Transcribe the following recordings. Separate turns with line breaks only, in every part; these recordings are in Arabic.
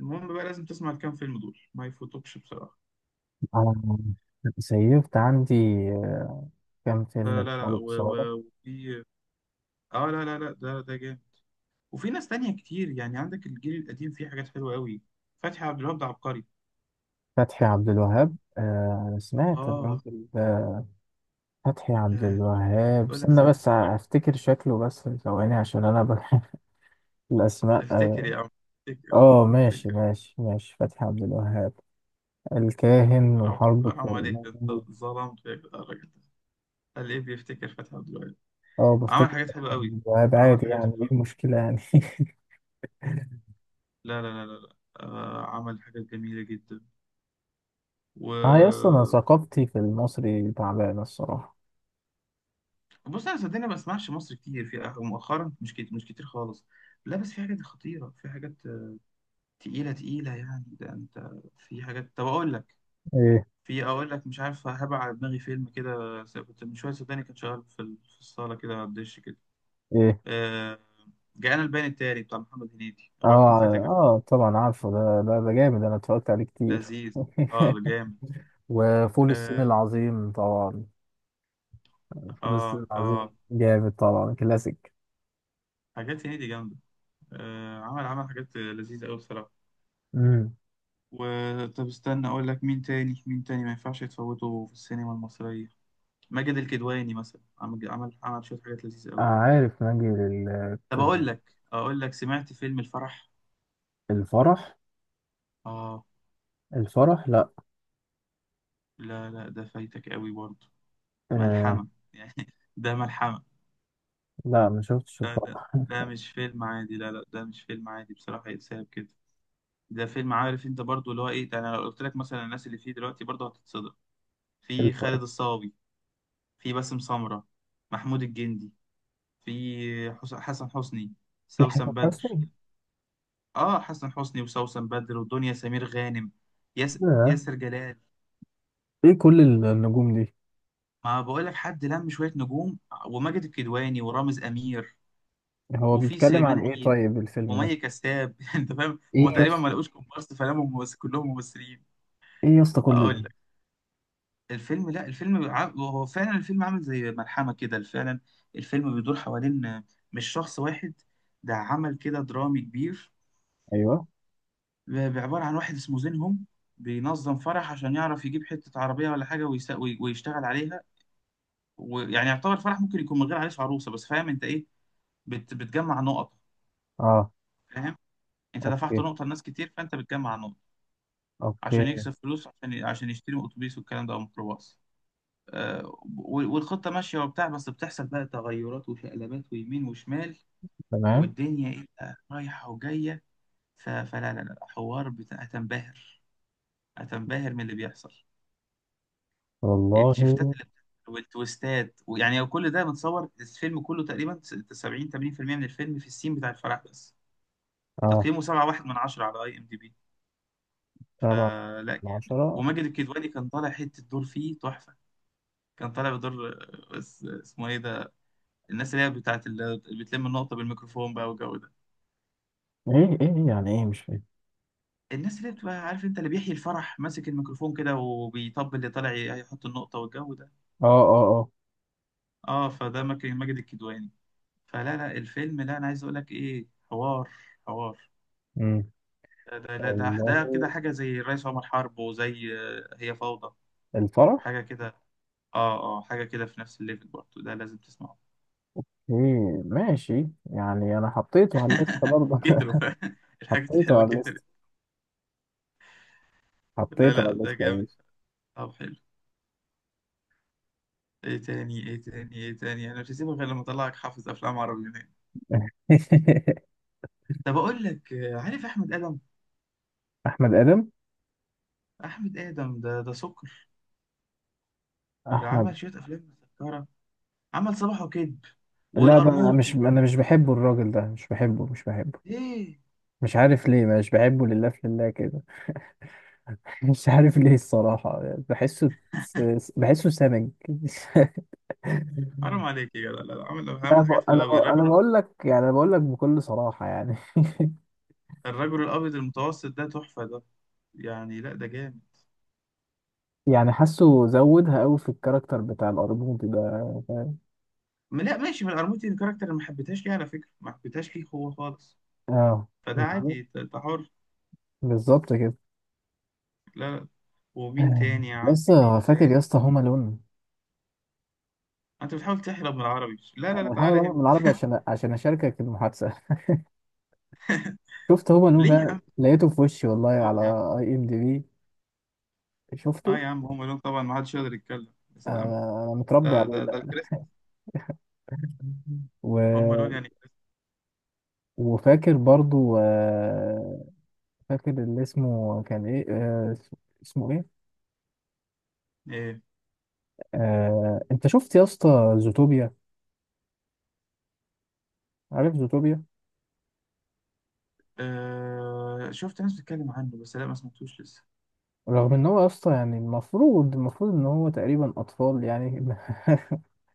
المهم بقى لازم تسمع الكام فيلم دول ما يفوتوكش بصراحة.
آه، سيفت عندي. آه، كام
آه،
فيلم
لا لا
لخالد صالح.
وفي اه، لا لا لا، ده جامد. وفي ناس تانية كتير، يعني عندك الجيل القديم فيه حاجات حلوة قوي. فتحي عبد الوهاب ده عبقري.
فتحي عبد الوهاب، آه، أنا سمعت
اه.
الراجل ده. فتحي عبد
لا،
الوهاب،
بقول لك
استنى
سمعت
بس
الراجل
أفتكر شكله، بس ثواني، عشان أنا بحب
ده.
الأسماء.
افتكر
آه،
يا عم، افتكر
آه، ماشي
افتكر.
ماشي ماشي، فتحي عبد الوهاب، الكاهن
حرام
وحرب
حرام عليك، انت
كرموز.
ظلمت يا جدع الراجل ده. قال ايه بيفتكر فتحي عبد الوهاب؟
اه،
عمل
بفتكر
حاجات
فتحي
حلوة قوي،
عبد الوهاب
عمل
عادي،
حاجات
يعني ايه
حلوة.
المشكلة يعني؟
لا لا لا لا، لا. آه عمل حاجات جميلة جدا
اه يا اسطى،
و...
انا ثقافتي في المصري تعبانة الصراحة.
بص انا صدقني ما بسمعش مصر كتير في مؤخرا، مش كتير مش كتير خالص. لا بس في حاجات خطيره، في حاجات تقيله تقيله، يعني ده انت. في حاجات، طب اقول لك.
ايه؟
في، اقول لك، مش عارف هبع على دماغي فيلم كده، كنت من شويه صدقني كان شغال في الصاله كده على الدش كده.
إيه؟
آه، جاءنا البيان التالي بتاع محمد هنيدي، اوعى تكون
اه
فاتك ده كمان.
اه طبعا عارفه، ده ده ده جامد، انا اتفرجت عليه كتير.
لذيذ، اه ده جامد.
وفول الصين
اه
العظيم طبعا. فول الصين
اه
العظيم
اه
جامد طبعا، كلاسيك.
حاجات هنيدي جامده. آه، عمل عمل حاجات لذيذه قوي بصراحه
امم.
و... طب استنى اقول لك مين تاني مين تاني ما ينفعش يتفوته في السينما المصرية. ماجد الكدواني مثلا، عمل عمل عمل شوية حاجات لذيذة قوي.
عارف، نجي
طب اقول
للقمة.
لك، اقول لك، سمعت فيلم الفرح؟
الفرح؟
اه.
الفرح، لا.
لا لا ده فايتك قوي برضه.
آه.
ملحمة، يعني ده ملحمة.
لا، ما شفتش
ده ده،
الفرح.
ده مش فيلم عادي، لا لا ده مش فيلم عادي بصراحة يتساب كده. ده فيلم، عارف انت برضه، اللي هو ايه ده، انا لو قلت لك مثلا الناس اللي فيه دلوقتي برضه هتتصدم. في
الفرح.
خالد الصاوي، في باسم سمرة، محمود الجندي، في حسن حسني،
في حسن
سوسن بدر.
حسني.
اه حسن حسني، وسوسن بدر، ودنيا سمير غانم، ياس
لا.
ياسر جلال.
ايه كل النجوم دي؟
ما بقول لك حد لم شويه نجوم. وماجد الكدواني ورامز امير،
هو
وفي
بيتكلم عن
سليمان
ايه
عيد،
طيب الفيلم ده؟
ومي كساب. انت فاهم،
ايه
هما
يا
تقريبا ما
اسطى؟
لقوش كومبارس، فلموا ممثل كلهم ممثلين.
ايه يا اسطى كل ده؟
اقول لك، الفيلم، لا الفيلم هو فعلا الفيلم عامل زي ملحمه كده فعلا. الفيلم بيدور حوالين، مش شخص واحد، ده عمل كده درامي كبير.
ايوه.
بعبارة عن واحد اسمه زينهم، بينظم فرح عشان يعرف يجيب حتة عربية ولا حاجة ويشتغل عليها. ويعني يعتبر فرح ممكن يكون من غير عريس وعروسة، بس فاهم انت ايه، بتجمع نقط.
اه.
فاهم، انت دفعت
اوكي.
نقطة لناس كتير، فانت بتجمع نقط.
اوكي.
عشان يكسب فلوس، عشان عشان يشتري اتوبيس والكلام ده، او ميكروباص. آه، والخطة ماشية وبتاع، بس بتحصل بقى تغيرات وشقلبات ويمين وشمال،
تمام.
والدنيا ايه بقى رايحة وجاية. ف... فلا لا لا حوار بتاع، هتنبهر. هتنبهر من اللي بيحصل،
والله.
الشيفتات اللي بتحصل، والتويستات. ويعني كل ده متصور الفيلم كله تقريبا 70 80% من الفيلم في السين بتاع الفرح بس.
اه.
تقييمه 7.1 من 10 على اي ام دي بي.
سبعة؟
فلا.
العشرة؟
وماجد الكدواني كان طالع حته دور فيه تحفه. كان طالع بدور، آه، اسمه ايه ده، الناس اللي هي بتاعت اللي بتلم النقطه بالميكروفون بقى، والجو ده.
ايه؟ ايه ايه يعني؟ ايه مش فاهم.
الناس اللي بتبقى، عارف انت، اللي بيحيي الفرح ماسك الميكروفون كده وبيطبل اللي طالع هيحط النقطه والجو ده.
اه اه اه.
اه فده ماجد، ماجد الكدواني. فلا لا، الفيلم ده انا عايز اقول لك ايه، حوار، حوار.
امم.
ده كده
والله.
حاجه زي الرئيس عمر حرب، وزي آه، هي فوضى،
الفرح.
حاجه كده. اه اه حاجه كده في نفس الليفل برضه، ده لازم تسمعه.
ايه؟ ماشي يعني، انا حطيته على الليسته برضه.
كتروا. الحاجات
حطيته
الحلوه
على
كترت.
الليسته.
لا
حطيته على
لا ده
الليسته يا
جامد.
باشا.
طب حلو، ايه تاني ايه تاني ايه تاني، انا مش هسيبك غير لما اطلعك حافظ افلام عربي منين. طب اقول لك، آه، عارف احمد ادم؟
احمد ادم.
احمد ادم ده ده سكر. ده
احمد.
عمل شويه افلام مسكره، عمل صباح وكذب
لا، ده انا
والقرموطي.
مش،
والله
انا مش
احمد
بحبه
ادم يا عم.
الراجل ده، مش بحبه، مش بحبه.
ايه؟
مش عارف ليه مش بحبه، لله في لله كده. مش عارف ليه الصراحه. بحسه، بحسه سمج.
حرام عليك يا جدع، لا لا، عامل
انا
عامل
ب...
حاجات حلوه
انا ب...
قوي
انا
الرجل.
بقول لك يعني، انا بقول لك بكل صراحه يعني.
الرجل الابيض المتوسط ده تحفه ده، يعني لا ده جامد.
يعني حاسه زودها قوي في الكاركتر بتاع الارجوبي ده، فاهم.
لا ماشي، من الارموتي الكاركتر اللي ما حبيتهاش، ليه على فكره ما حبيتهاش؟ ليه هو خالص؟
اه.
فده
بالظبط.
عادي، انت أنت حر.
بالظبط كده.
لا لا. ومين
آه،
تاني يا عمي، مين
لسه فاكر يا
تاني؟
اسطى هوم الون؟
انت بتحاول تحرم من العربي، لا لا
انا
لا،
بحاول
تعالى
اهرب من العربي
هنا.
عشان، عشان اشاركك المحادثه. شفت هوم الون
ليه يا
بقى
عم،
لقيته في وشي والله،
طبعا
على
يا عم،
اي ام دي بي. شفته.
اه يا عم هم لون طبعا، ما حدش يقدر يتكلم، يا سلام.
انا، أنا متربي
ده
عليه
ده ده
ده.
الكريسماس، هم
و...
لون يعني كريسماس.
وفاكر برضو، آه، فاكر اللي اسمه كان ايه، آه، اسمه إيه؟
ايه؟
آه، انت شفت يا اسطى زوتوبيا؟ عارف زوتوبيا؟
آه شفت ناس بتتكلم عنه بس لا ما سمعتوش لسه.
رغم ان هو يا اسطى يعني المفروض، المفروض ان هو تقريبا اطفال يعني،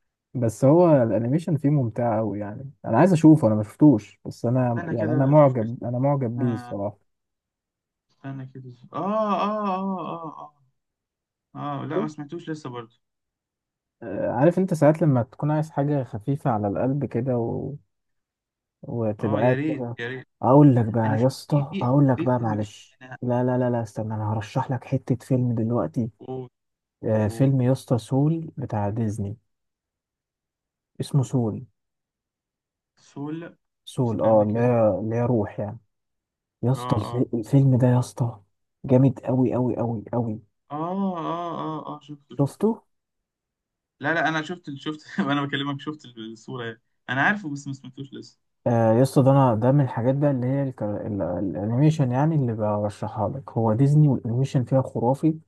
بس هو الانيميشن فيه ممتع قوي يعني. انا عايز اشوفه، انا ما شفتوش بس، انا
استنى
يعني انا
كده اشوف
معجب،
اسمه
انا
كده.
معجب بيه
آه،
الصراحه.
استنى كده اشوف، اه اه اه اه. اه اه لا ما سمعتوش لسه برضه.
آه، عارف انت ساعات لما تكون عايز حاجه خفيفه على القلب كده، و... وتبقى
اه
قاعد
يا ريت
كده.
يا ريت.
اقول لك
انا
بقى يا
في في
اسطى،
في،
اقول لك
في
بقى
فيلم أجنبي،
معلش،
انا،
لا استنى، انا هرشح لك حته فيلم دلوقتي.
اوه.
آه،
اوه،
فيلم يا اسطى، سول، بتاع ديزني. اسمه سول.
سول،
سول، اه،
استنى
اللي
كده.
هي اللي هي روح يعني. يا
اه
اسطى
اه
الفيلم ده يا اسطى جامد قوي قوي قوي قوي.
اه اه. اه اه شفته
شفته.
شفته. لا لا انا شفت شفت وانا بكلمك شفت الصورة يعني. انا عارفه بس ما سمعتوش لسه.
آه يا اسطى، ده انا ده من الحاجات بقى اللي هي الانيميشن، يعني اللي برشحها لك هو ديزني، والانيميشن فيها خرافي،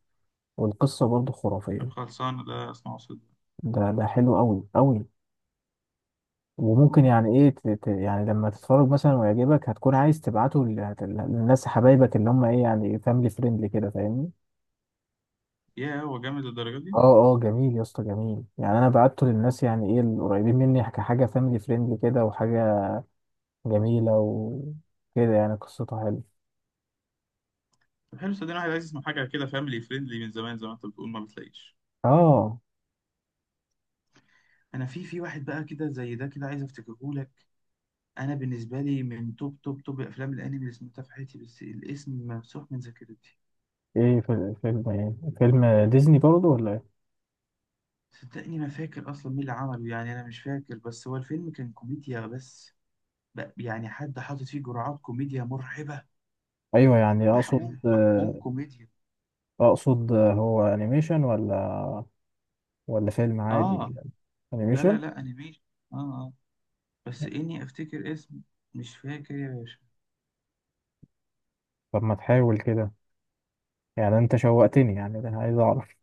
والقصة برضه
طب
خرافية.
خلصان ده، اسمعه صدق.
ده ده حلو قوي قوي. وممكن يعني ايه يعني لما تتفرج مثلا ويعجبك هتكون عايز تبعته للناس حبايبك اللي هم ايه يعني، فاميلي فريندلي كده، فاهمني.
يا هو جامد للدرجة دي؟
اه اه جميل يا اسطى، جميل يعني. انا بعته للناس يعني ايه القريبين مني كحاجه فاميلي فريندلي كده، وحاجه جميله وكده يعني، قصتها حلوه.
طب حلو صدقني، واحد عايز يسمع حاجة كده فاميلي فريندلي من زمان زي ما انت بتقول، ما بتلاقيش.
اه.
انا في في واحد بقى كده زي ده كده، عايز افتكره لك. انا بالنسبه لي من توب توب توب افلام الانمي اللي سمعتها في حياتي، بس الاسم ممسوح من ذاكرتي.
ايه؟ في فيلم ايه؟ فيلم ديزني برضه ولا ايه؟
صدقني ما فاكر اصلا مين اللي عمله، يعني انا مش فاكر، بس هو الفيلم كان كوميديا، بس بقى، يعني حد حاطط فيه جرعات كوميديا مرعبه.
ايوه يعني، اقصد
محقوم محقوم
آه،
كوميديا.
اقصد آه، هو انيميشن ولا، ولا فيلم عادي
اه.
ولا؟
لا لا
انيميشن.
لا، انيميشن. اه اه. بس اني افتكر اسم، مش فاكر يا باشا.
طب ما تحاول كده، يعني انت شوقتني يعني، انا عايز اعرف،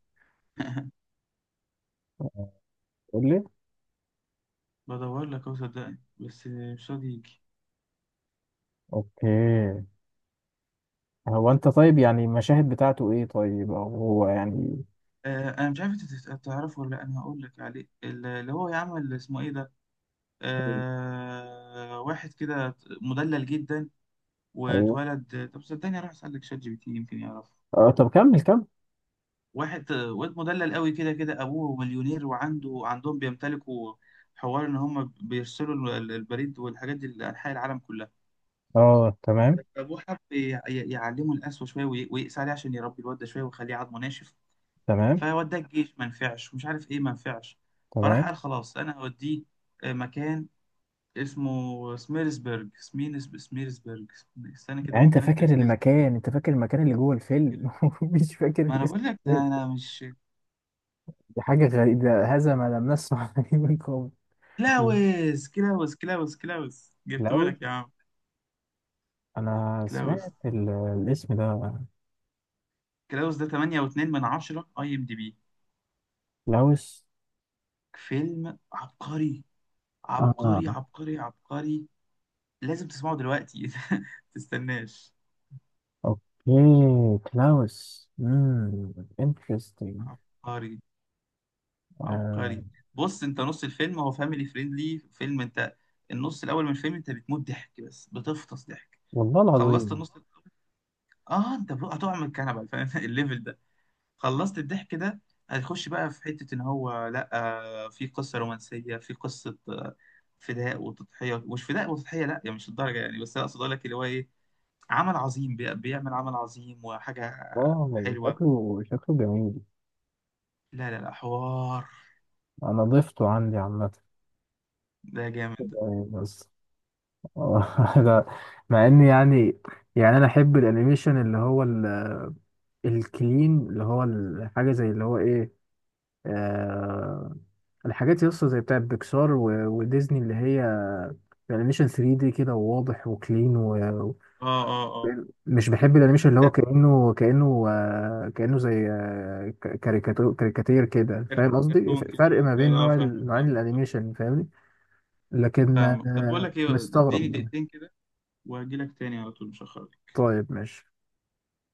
قول لي.
بدور لك اهو صدقني بس مش راضي يجي.
اوكي. هو انت طيب يعني المشاهد بتاعته ايه طيب، او هو يعني؟
آه، انا مش عارف انت تعرفه ولا لأ، انا هقول لك عليه اللي هو يعمل، اسمه ايه ده، آه واحد كده مدلل جدا
ايوه.
واتولد، طب صدقني اروح اسالك شات جي بي تي يمكن يعرفه.
اه طب كمل كمل.
واحد، آه، واد مدلل قوي كده كده، ابوه مليونير، وعنده عندهم بيمتلكوا حوار ان هم بيرسلوا البريد والحاجات دي لانحاء العالم كلها.
اه تمام
ابوه حب يعلمه القسوه شويه ويقسى عليه عشان يربي الواد ده شويه ويخليه عضمه ناشف.
تمام
فوداه الجيش ما نفعش ومش عارف ايه ما نفعش. فراح
تمام.
قال خلاص انا هوديه آه، مكان اسمه سميرسبرج، سميرسبرج. استنى كده
يعني انت
ممكن اكتب
فاكر
سميرسبرج
المكان، انت فاكر المكان اللي جوه
كده.
الفيلم ومش فاكر
ما انا
الاسم
بقول لك ده
الفيلم.
انا مش...
دي حاجة غريبة، هذا ما لم نسمع به من قبل. مم.
كلاوس، كلاوس كلاوس، جبته
كلاوس.
لك يا عم.
انا
كلاوس.
سمعت الاسم ده.
كلاوس ده 8.2 من 10 اي ام دي بي،
كلاوس.
فيلم عبقري، عبقري
اه.
عبقري عبقري. لازم تسمعه دلوقتي، تستناش.
اوكي كلاوس. امم. انترستنج.
عبقري،
آه.
عبقري. بص، انت نص الفيلم هو فاميلي فريندلي فيلم انت، النص الاول من الفيلم انت بتموت ضحك، بس بتفطس ضحك.
والله
خلصت
العظيم.
النص الأول، اه انت بقى هتقع من الكنبه، فاهم الليفل ده. خلصت الضحك ده، هتخش بقى في حته ان هو لا، آه، في قصه رومانسيه، في قصه آه، فداء وتضحيه، مش فداء وتضحيه لا يعني، مش الدرجه يعني، بس أنا اقصد اقول لك اللي هو ايه، عمل عظيم، بيعمل عمل عظيم وحاجه
واو
حلوه.
شكله، شكله جميل.
لا لا لا حوار،
انا ضفته عندي عامه.
ده جامد.
آه، بس ده، مع ان يعني، يعني انا احب الانيميشن اللي هو ال-، الكلين، اللي هو الحاجه زي اللي هو ايه، آه، الحاجات يسطا زي بتاع بيكسار وديزني اللي هي الانيميشن 3 دي كده، وواضح وكلين، ومش
اه اه اه.
بحب الانيميشن اللي هو كانه كانه آه كانه زي آه كاريكاتير كده، فاهم قصدي،
كرتون كده.
فرق ما
لا
بين
لا، اه
نوع
فاهمك
نوعين
فاهمك،
الانيميشن، فاهمني. لكن
فاهمك. طب بقول
آه
لك ايه، اديني
مستغرب.
دقيقتين كده وهجي لك تاني على طول، مش هخرج.
طيب ماشي.